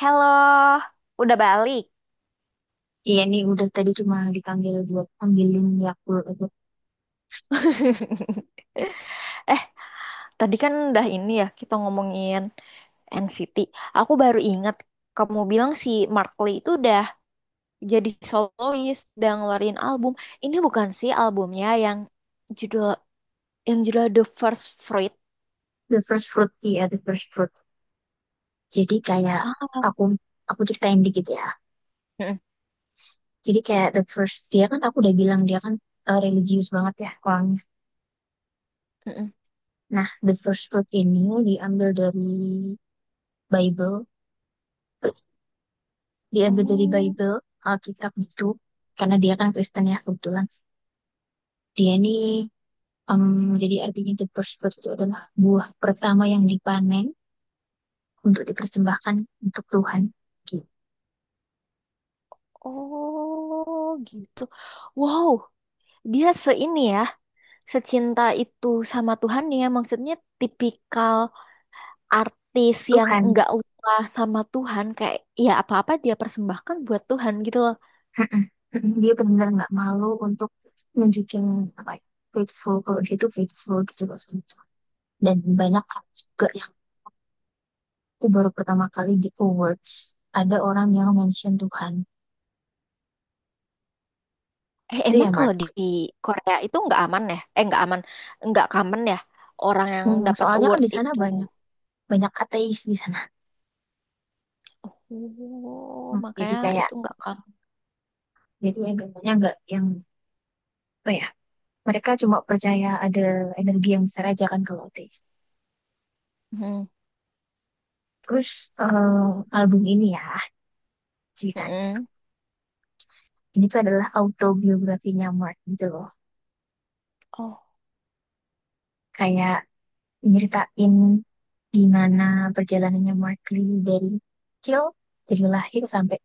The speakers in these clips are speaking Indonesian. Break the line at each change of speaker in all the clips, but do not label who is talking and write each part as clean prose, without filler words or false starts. Halo, udah balik.
Iya nih, udah tadi cuma dipanggil buat ambilin Yakult itu.
Eh, tadi kan udah ini ya kita ngomongin NCT. Aku baru ingat kamu bilang si Mark Lee itu udah jadi solois dan ngeluarin album. Ini bukan sih albumnya judul yang judul The First Fruit.
The First Fruit, iya, The First Fruit. Jadi kayak,
Ah,
aku aku ceritain dikit ya.
mm-mm,
Jadi kayak the first dia kan aku udah bilang dia kan religius banget ya orangnya.
mm-mm.
Nah, The First Fruit ini diambil dari Bible, diambil dari
Oh,
Bible, Alkitab, gitu karena dia kan Kristen ya kebetulan. Dia ini em, jadi artinya the first fruit itu adalah buah pertama yang dipanen untuk dipersembahkan untuk Tuhan. Gitu.
oh gitu. Wow, dia seini ya, secinta itu sama Tuhan ya. Maksudnya tipikal artis yang
Tuhan.
nggak lupa sama Tuhan kayak ya apa-apa dia persembahkan buat Tuhan gitu loh.
Mm-mm. Mm-mm. Dia benar-benar nggak malu untuk nunjukin apa ya, faithful, kalau dia tuh faithful gitu loh sama Tuhan. Dan banyak hal juga yang aku baru pertama kali di awards ada orang yang mention Tuhan,
Eh,
itu ya
emang kalau di
Mark.
Korea itu nggak aman ya? Eh, nggak aman, nggak common ya orang yang
Hmm,
dapat
soalnya kan
award
di sana
itu.
banyak banyak ateis di sana.
Oh,
Hmm, jadi
makanya
kayak,
itu nggak common.
jadi agamanya nggak yang apa ya, mereka cuma percaya ada energi yang besar aja kan kalau ateis.
Hmm,
Terus eh, album ini ya ceritanya,
mm-mm.
ini tuh adalah autobiografinya Mark gitu loh.
Oh,
Kayak nyeritain gimana perjalanannya Markley, dari kecil, dari lahir sampai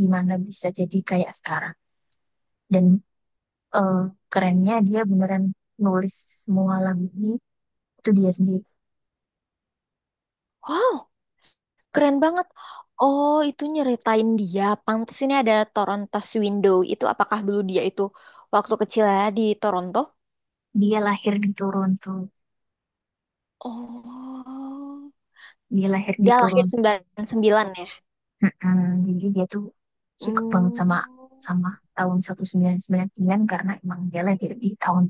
gimana bisa jadi kayak sekarang, dan eh, kerennya dia beneran nulis semua lagu ini itu dia sendiri.
wow, keren banget. Oh, itu nyeritain dia. Pantes ini ada Toronto Window. Itu apakah dulu dia itu waktu kecilnya di Toronto?
Dia lahir di Toronto.
Oh,
Dia lahir di
dia lahir
Toronto.
99 ya.
Mm-mm. Jadi dia tuh suka banget
Hmm,
sama sama tahun 1999 karena emang dia lahir di tahun.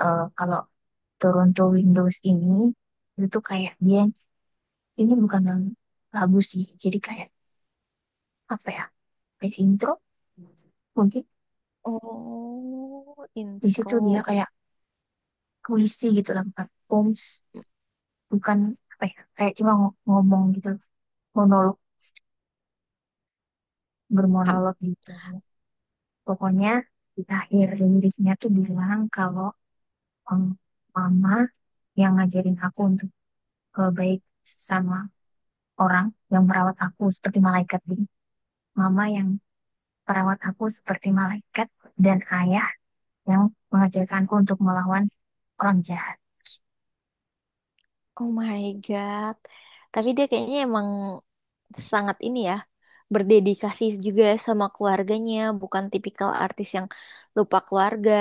Kalau Toronto Windows ini, itu tuh kayak dia, ini bukan lagu sih, jadi kayak apa ya, kayak intro mungkin.
oh,
Di situ dia
intro.
kayak puisi gitu lah, bukan poems, bukan apa ya, kayak cuma ngomong gitu, monolog,
Paham.
bermonolog gitu. Pokoknya di akhir liriknya tuh bilang kalau em, mama yang ngajarin aku untuk baik sama orang, yang merawat aku seperti malaikat gitu, mama yang perawat aku seperti malaikat, dan ayah yang mengajarkanku untuk melawan orang jahat.
Oh my God. Tapi dia kayaknya emang sangat ini ya, berdedikasi juga sama keluarganya, bukan tipikal artis yang lupa keluarga.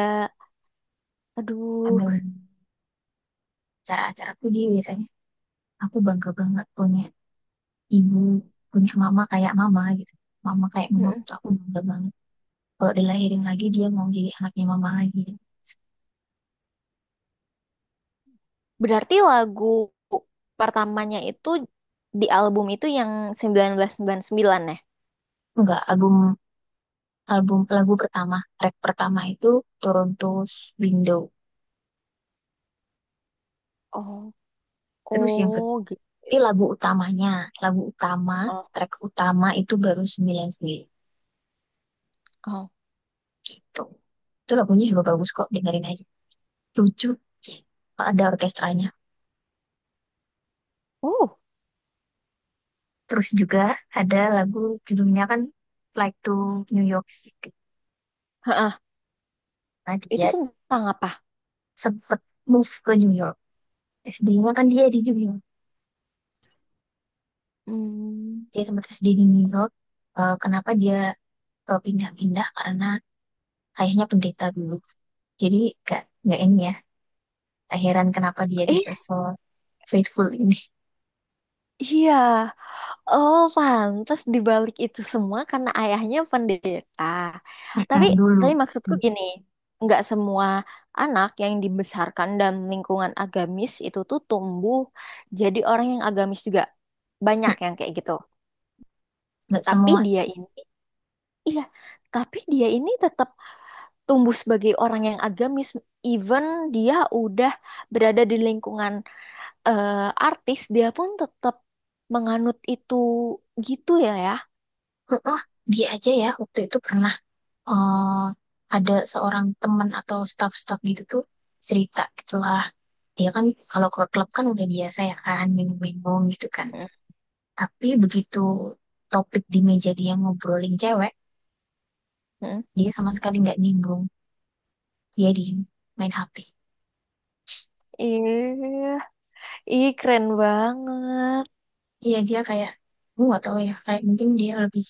Aduh.
Ambil cara-cara tuh dia biasanya aku bangga banget punya ibu, punya mama kayak mama gitu. Mama kayak mama
Mm-mm.
tuh aku bangga banget. Kalau dilahirin lagi dia mau jadi anaknya mama lagi.
Berarti lagu pertamanya itu di album itu yang 1999 ya?
Enggak, album album lagu pertama, track pertama itu Toronto's Window.
Oh,
Terus yang
oh
kedua,
gitu.
lagu utamanya, lagu utama,
Oh,
track utama itu baru 99
oh.
gitu. Itu lagunya juga bagus kok, dengerin aja. Lucu kalau ada orkestranya.
Uh,
Terus juga ada lagu judulnya kan Flight to New York City.
heeh.
Nah,
Itu
dia
tentang apa?
sempet move ke New York. SD-nya kan dia di New York.
Hmm.
Dia sempet SD di New York. Eh, kenapa dia pindah-pindah? Karena ayahnya pendeta dulu. Jadi gak, nggak ini ya. Gak heran kenapa dia bisa se faithful ini.
Iya, oh pantas dibalik itu semua karena ayahnya pendeta. Tapi,
Mm-mm, dulu.
tapi, maksudku
Mm.
gini, nggak semua anak yang dibesarkan dalam lingkungan agamis itu tuh tumbuh jadi orang yang agamis juga. Banyak yang kayak gitu.
Nggak
Tapi
semua sih.
dia ini, iya, tapi dia ini tetap tumbuh sebagai orang yang agamis. Even dia udah berada di lingkungan artis, dia pun tetap menganut itu gitu ya ya.
Mm-mm, dia aja ya waktu itu pernah eh, ada seorang teman atau staff-staff gitu tuh cerita gitulah. Dia kan kalau ke klub kan udah biasa ya kan minum-minum gitu kan. Tapi begitu topik di meja dia ngobrolin cewek,
Mhm.
dia sama sekali nggak nimbrung. Dia di main HP.
Iya, ih keren banget.
Iya dia kayak, gue nggak tahu ya. Kayak mungkin dia lebih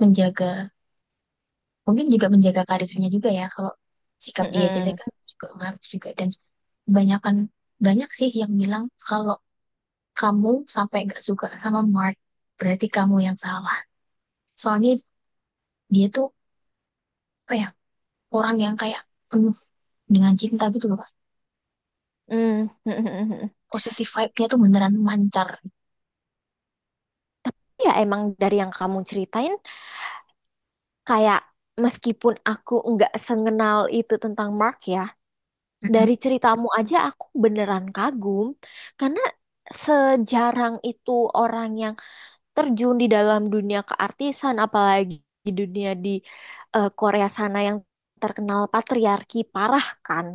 menjaga, mungkin juga menjaga karirnya juga ya, kalau sikap dia jelek
Mhm.
kan juga ngaruh juga. Dan kebanyakan, banyak sih yang bilang kalau kamu sampai nggak suka sama Mark berarti kamu yang salah, soalnya dia tuh kayak orang yang kayak penuh dengan cinta gitu loh.
Mm.
Positive vibe-nya tuh beneran mancar.
Ya emang dari yang kamu ceritain kayak meskipun aku nggak sengenal itu tentang Mark ya,
Mm-mm.
dari ceritamu aja aku beneran kagum karena sejarang itu orang yang terjun di dalam dunia keartisan apalagi di Korea sana yang terkenal patriarki parah kan.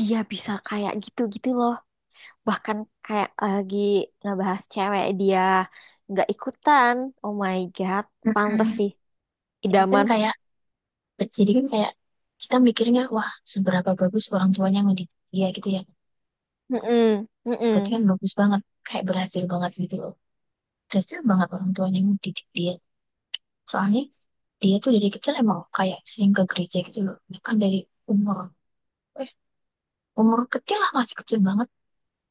Dia bisa kayak gitu-gitu loh. Bahkan kayak lagi ngebahas cewek dia nggak ikutan. Oh my god, pantes
Mm-mm.
sih
jadi kan
idaman.
kayak jadi kan kayak kita mikirnya wah seberapa bagus orang tuanya ngedidik dia gitu ya,
Mm.
berarti kan bagus banget, kayak berhasil banget gitu loh. Kasihan banget orang tuanya yang didik dia. Soalnya dia tuh dari kecil emang kayak sering ke gereja gitu loh. Bahkan dari umur, eh umur kecil lah, masih kecil banget.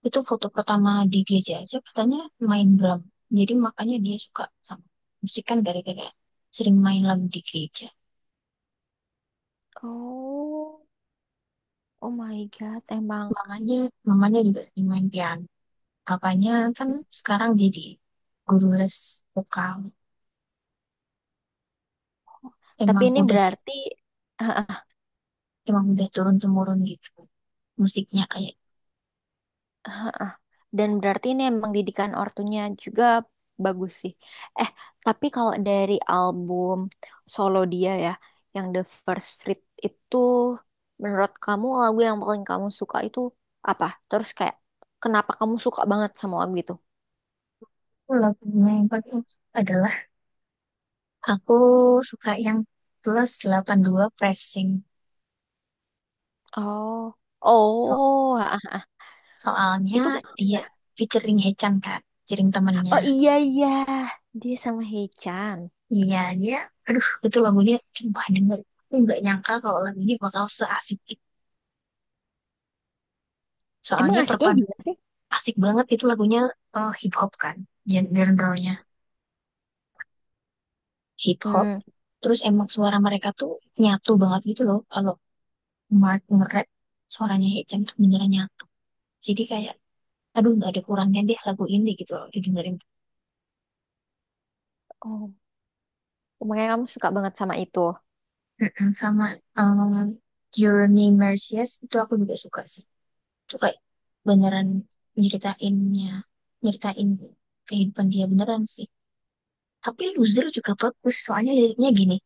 Itu foto pertama di gereja aja katanya main drum. Jadi makanya dia suka sama musik kan gara-gara sering main lagu di gereja.
Oh, oh my God, emang.
Mamanya, mamanya juga sering main piano. Apanya kan sekarang jadi guru les vokal.
Tapi
Emang
ini
udah,
berarti,
emang udah turun temurun gitu musiknya kayak.
ah, dan berarti ini emang didikan ortunya juga bagus sih. Eh, tapi kalau dari album solo dia ya, yang The First Street itu, menurut kamu lagu yang paling kamu suka itu apa? Terus kayak, kenapa kamu suka banget sama lagu itu?
Lagunya yang paling, adalah, aku suka yang +82 pressing.
Oh,
So-
oh, ah,
Soalnya
itu
dia
Mira.
featuring Hechan kan, featuring temennya.
Oh iya iya, dia sama Hechan.
Iya, dia, aduh, itu lagunya coba denger. Aku nggak nyangka kalau lagu ini bakal seasik itu.
Emang
Soalnya
asiknya gimana sih?
asik banget itu lagunya, hip hop kan, genre-nya hip hop.
Hmm,
Terus emang suara mereka tuh nyatu banget gitu loh. Kalau Mark nge-rap, suaranya Hechan tuh beneran nyatu. Jadi kayak, aduh, nggak ada kurangnya deh lagu ini gitu loh, didengerin.
oh, makanya kamu suka banget sama itu.
Mm-mm, sama eh, Journey Mercies itu aku juga suka sih. Itu kayak beneran nyeritainnya, nyeritain kehidupan dia beneran sih. Tapi Loser juga bagus, soalnya liriknya gini,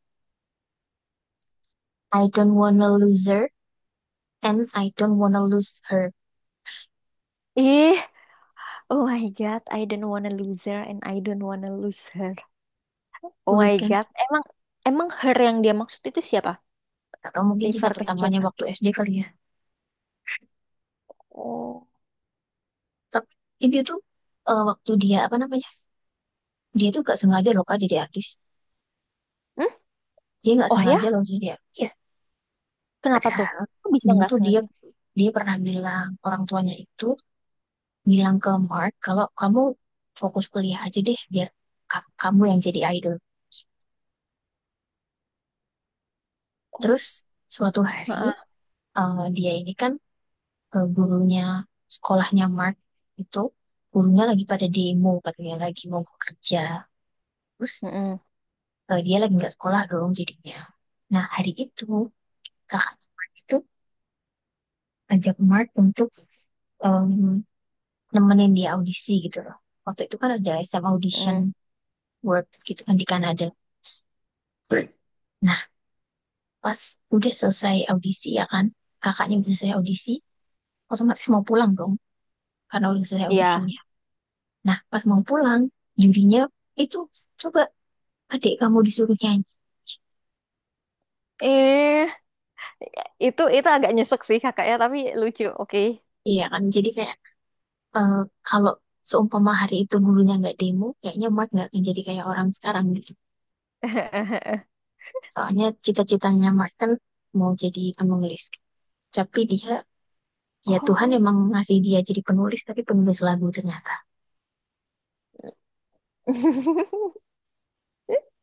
I don't wanna lose her and I don't wanna lose her.
Ih. Oh my God, I don't wanna lose her and I don't wanna lose her. Oh
Bagus
my
kan?
God, emang emang her yang dia maksud itu siapa?
Atau mungkin cinta
Refer ke
pertamanya
siapa?
waktu SD kali ya.
Oh,
Tapi ini tuh waktu dia apa namanya? Dia tuh gak sengaja loh kak jadi artis.
hmm?
Dia gak
Oh ya,
sengaja loh jadi artis. Ya,
kenapa tuh?
padahal
Kok bisa
dulu
nggak
tuh dia
sengaja?
dia pernah bilang orang tuanya itu bilang ke Mark kalau kamu fokus kuliah aja deh biar kamu yang jadi idol.
Oh,
Terus suatu hari
heeh,
dia ini kan gurunya sekolahnya Mark itu, gurunya lagi pada demo katanya lagi mau kerja. Terus
heeh,
dia lagi nggak sekolah dong jadinya. Nah hari itu kakak itu ajak Mark untuk em, nemenin dia audisi gitu loh. Waktu itu kan ada SM audition
heeh.
work gitu kan di Kanada. Nah, pas udah selesai audisi ya kan, kakaknya udah selesai audisi, otomatis mau pulang dong karena udah selesai
Iya.
audisinya. Nah pas mau pulang, jurinya itu, coba adik kamu disuruh nyanyi.
Eh, itu agak nyesek sih kakaknya, tapi lucu. Oke.
Iya kan? Jadi kayak, eh, kalau seumpama hari itu gurunya nggak demo, kayaknya Mark nggak akan jadi kayak orang sekarang gitu. Soalnya cita-citanya Mark kan mau jadi penulis, tapi dia, ya Tuhan
Oh,
emang ngasih dia jadi penulis, tapi penulis lagu ternyata.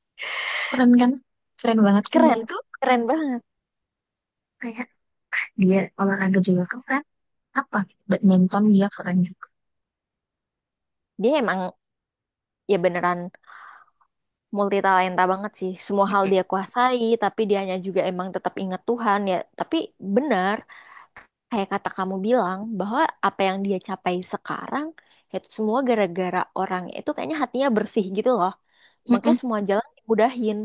Keren kan? Keren banget kan
keren,
dia tuh.
keren banget.
Kayak dia olahraga juga keren, apa, badminton dia keren juga.
Dia emang ya beneran. Multitalenta banget sih. Semua hal dia kuasai, tapi dianya juga emang tetap ingat Tuhan ya. Tapi benar, kayak kata kamu bilang, bahwa apa yang dia capai sekarang, ya itu semua gara-gara orang itu kayaknya hatinya bersih gitu loh. Makanya
Mm-mm,
semua jalan dimudahin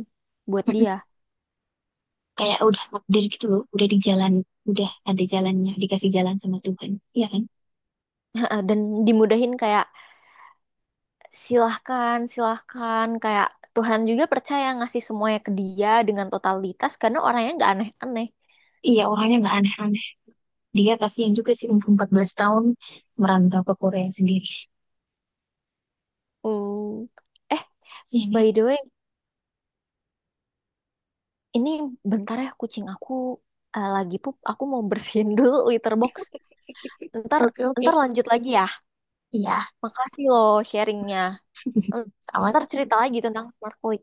buat
mm-mm.
dia.
Kayak udah takdir gitu loh, udah di jalan, udah ada jalannya, dikasih jalan sama Tuhan, iya kan?
Dan dimudahin kayak silahkan, silahkan. Kayak Tuhan juga percaya ngasih semuanya ke dia dengan totalitas karena orangnya nggak aneh-aneh.
Iya, orangnya nggak aneh-aneh. Dia kasihan juga sih, umur 14 tahun merantau ke Korea sendiri.
Hmm. Eh,
Kasihan ya.
by the way, ini bentar ya kucing aku lagi pup. Aku mau bersihin dulu litter box. Ntar,
Oke, oke.
ntar, lanjut lagi ya.
Iya,
Makasih loh sharingnya. Ntar
sama-sama.
cerita lagi tentang smart click.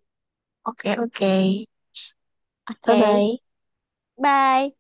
Oke, oke.
Oke,
Bye-bye.
bye.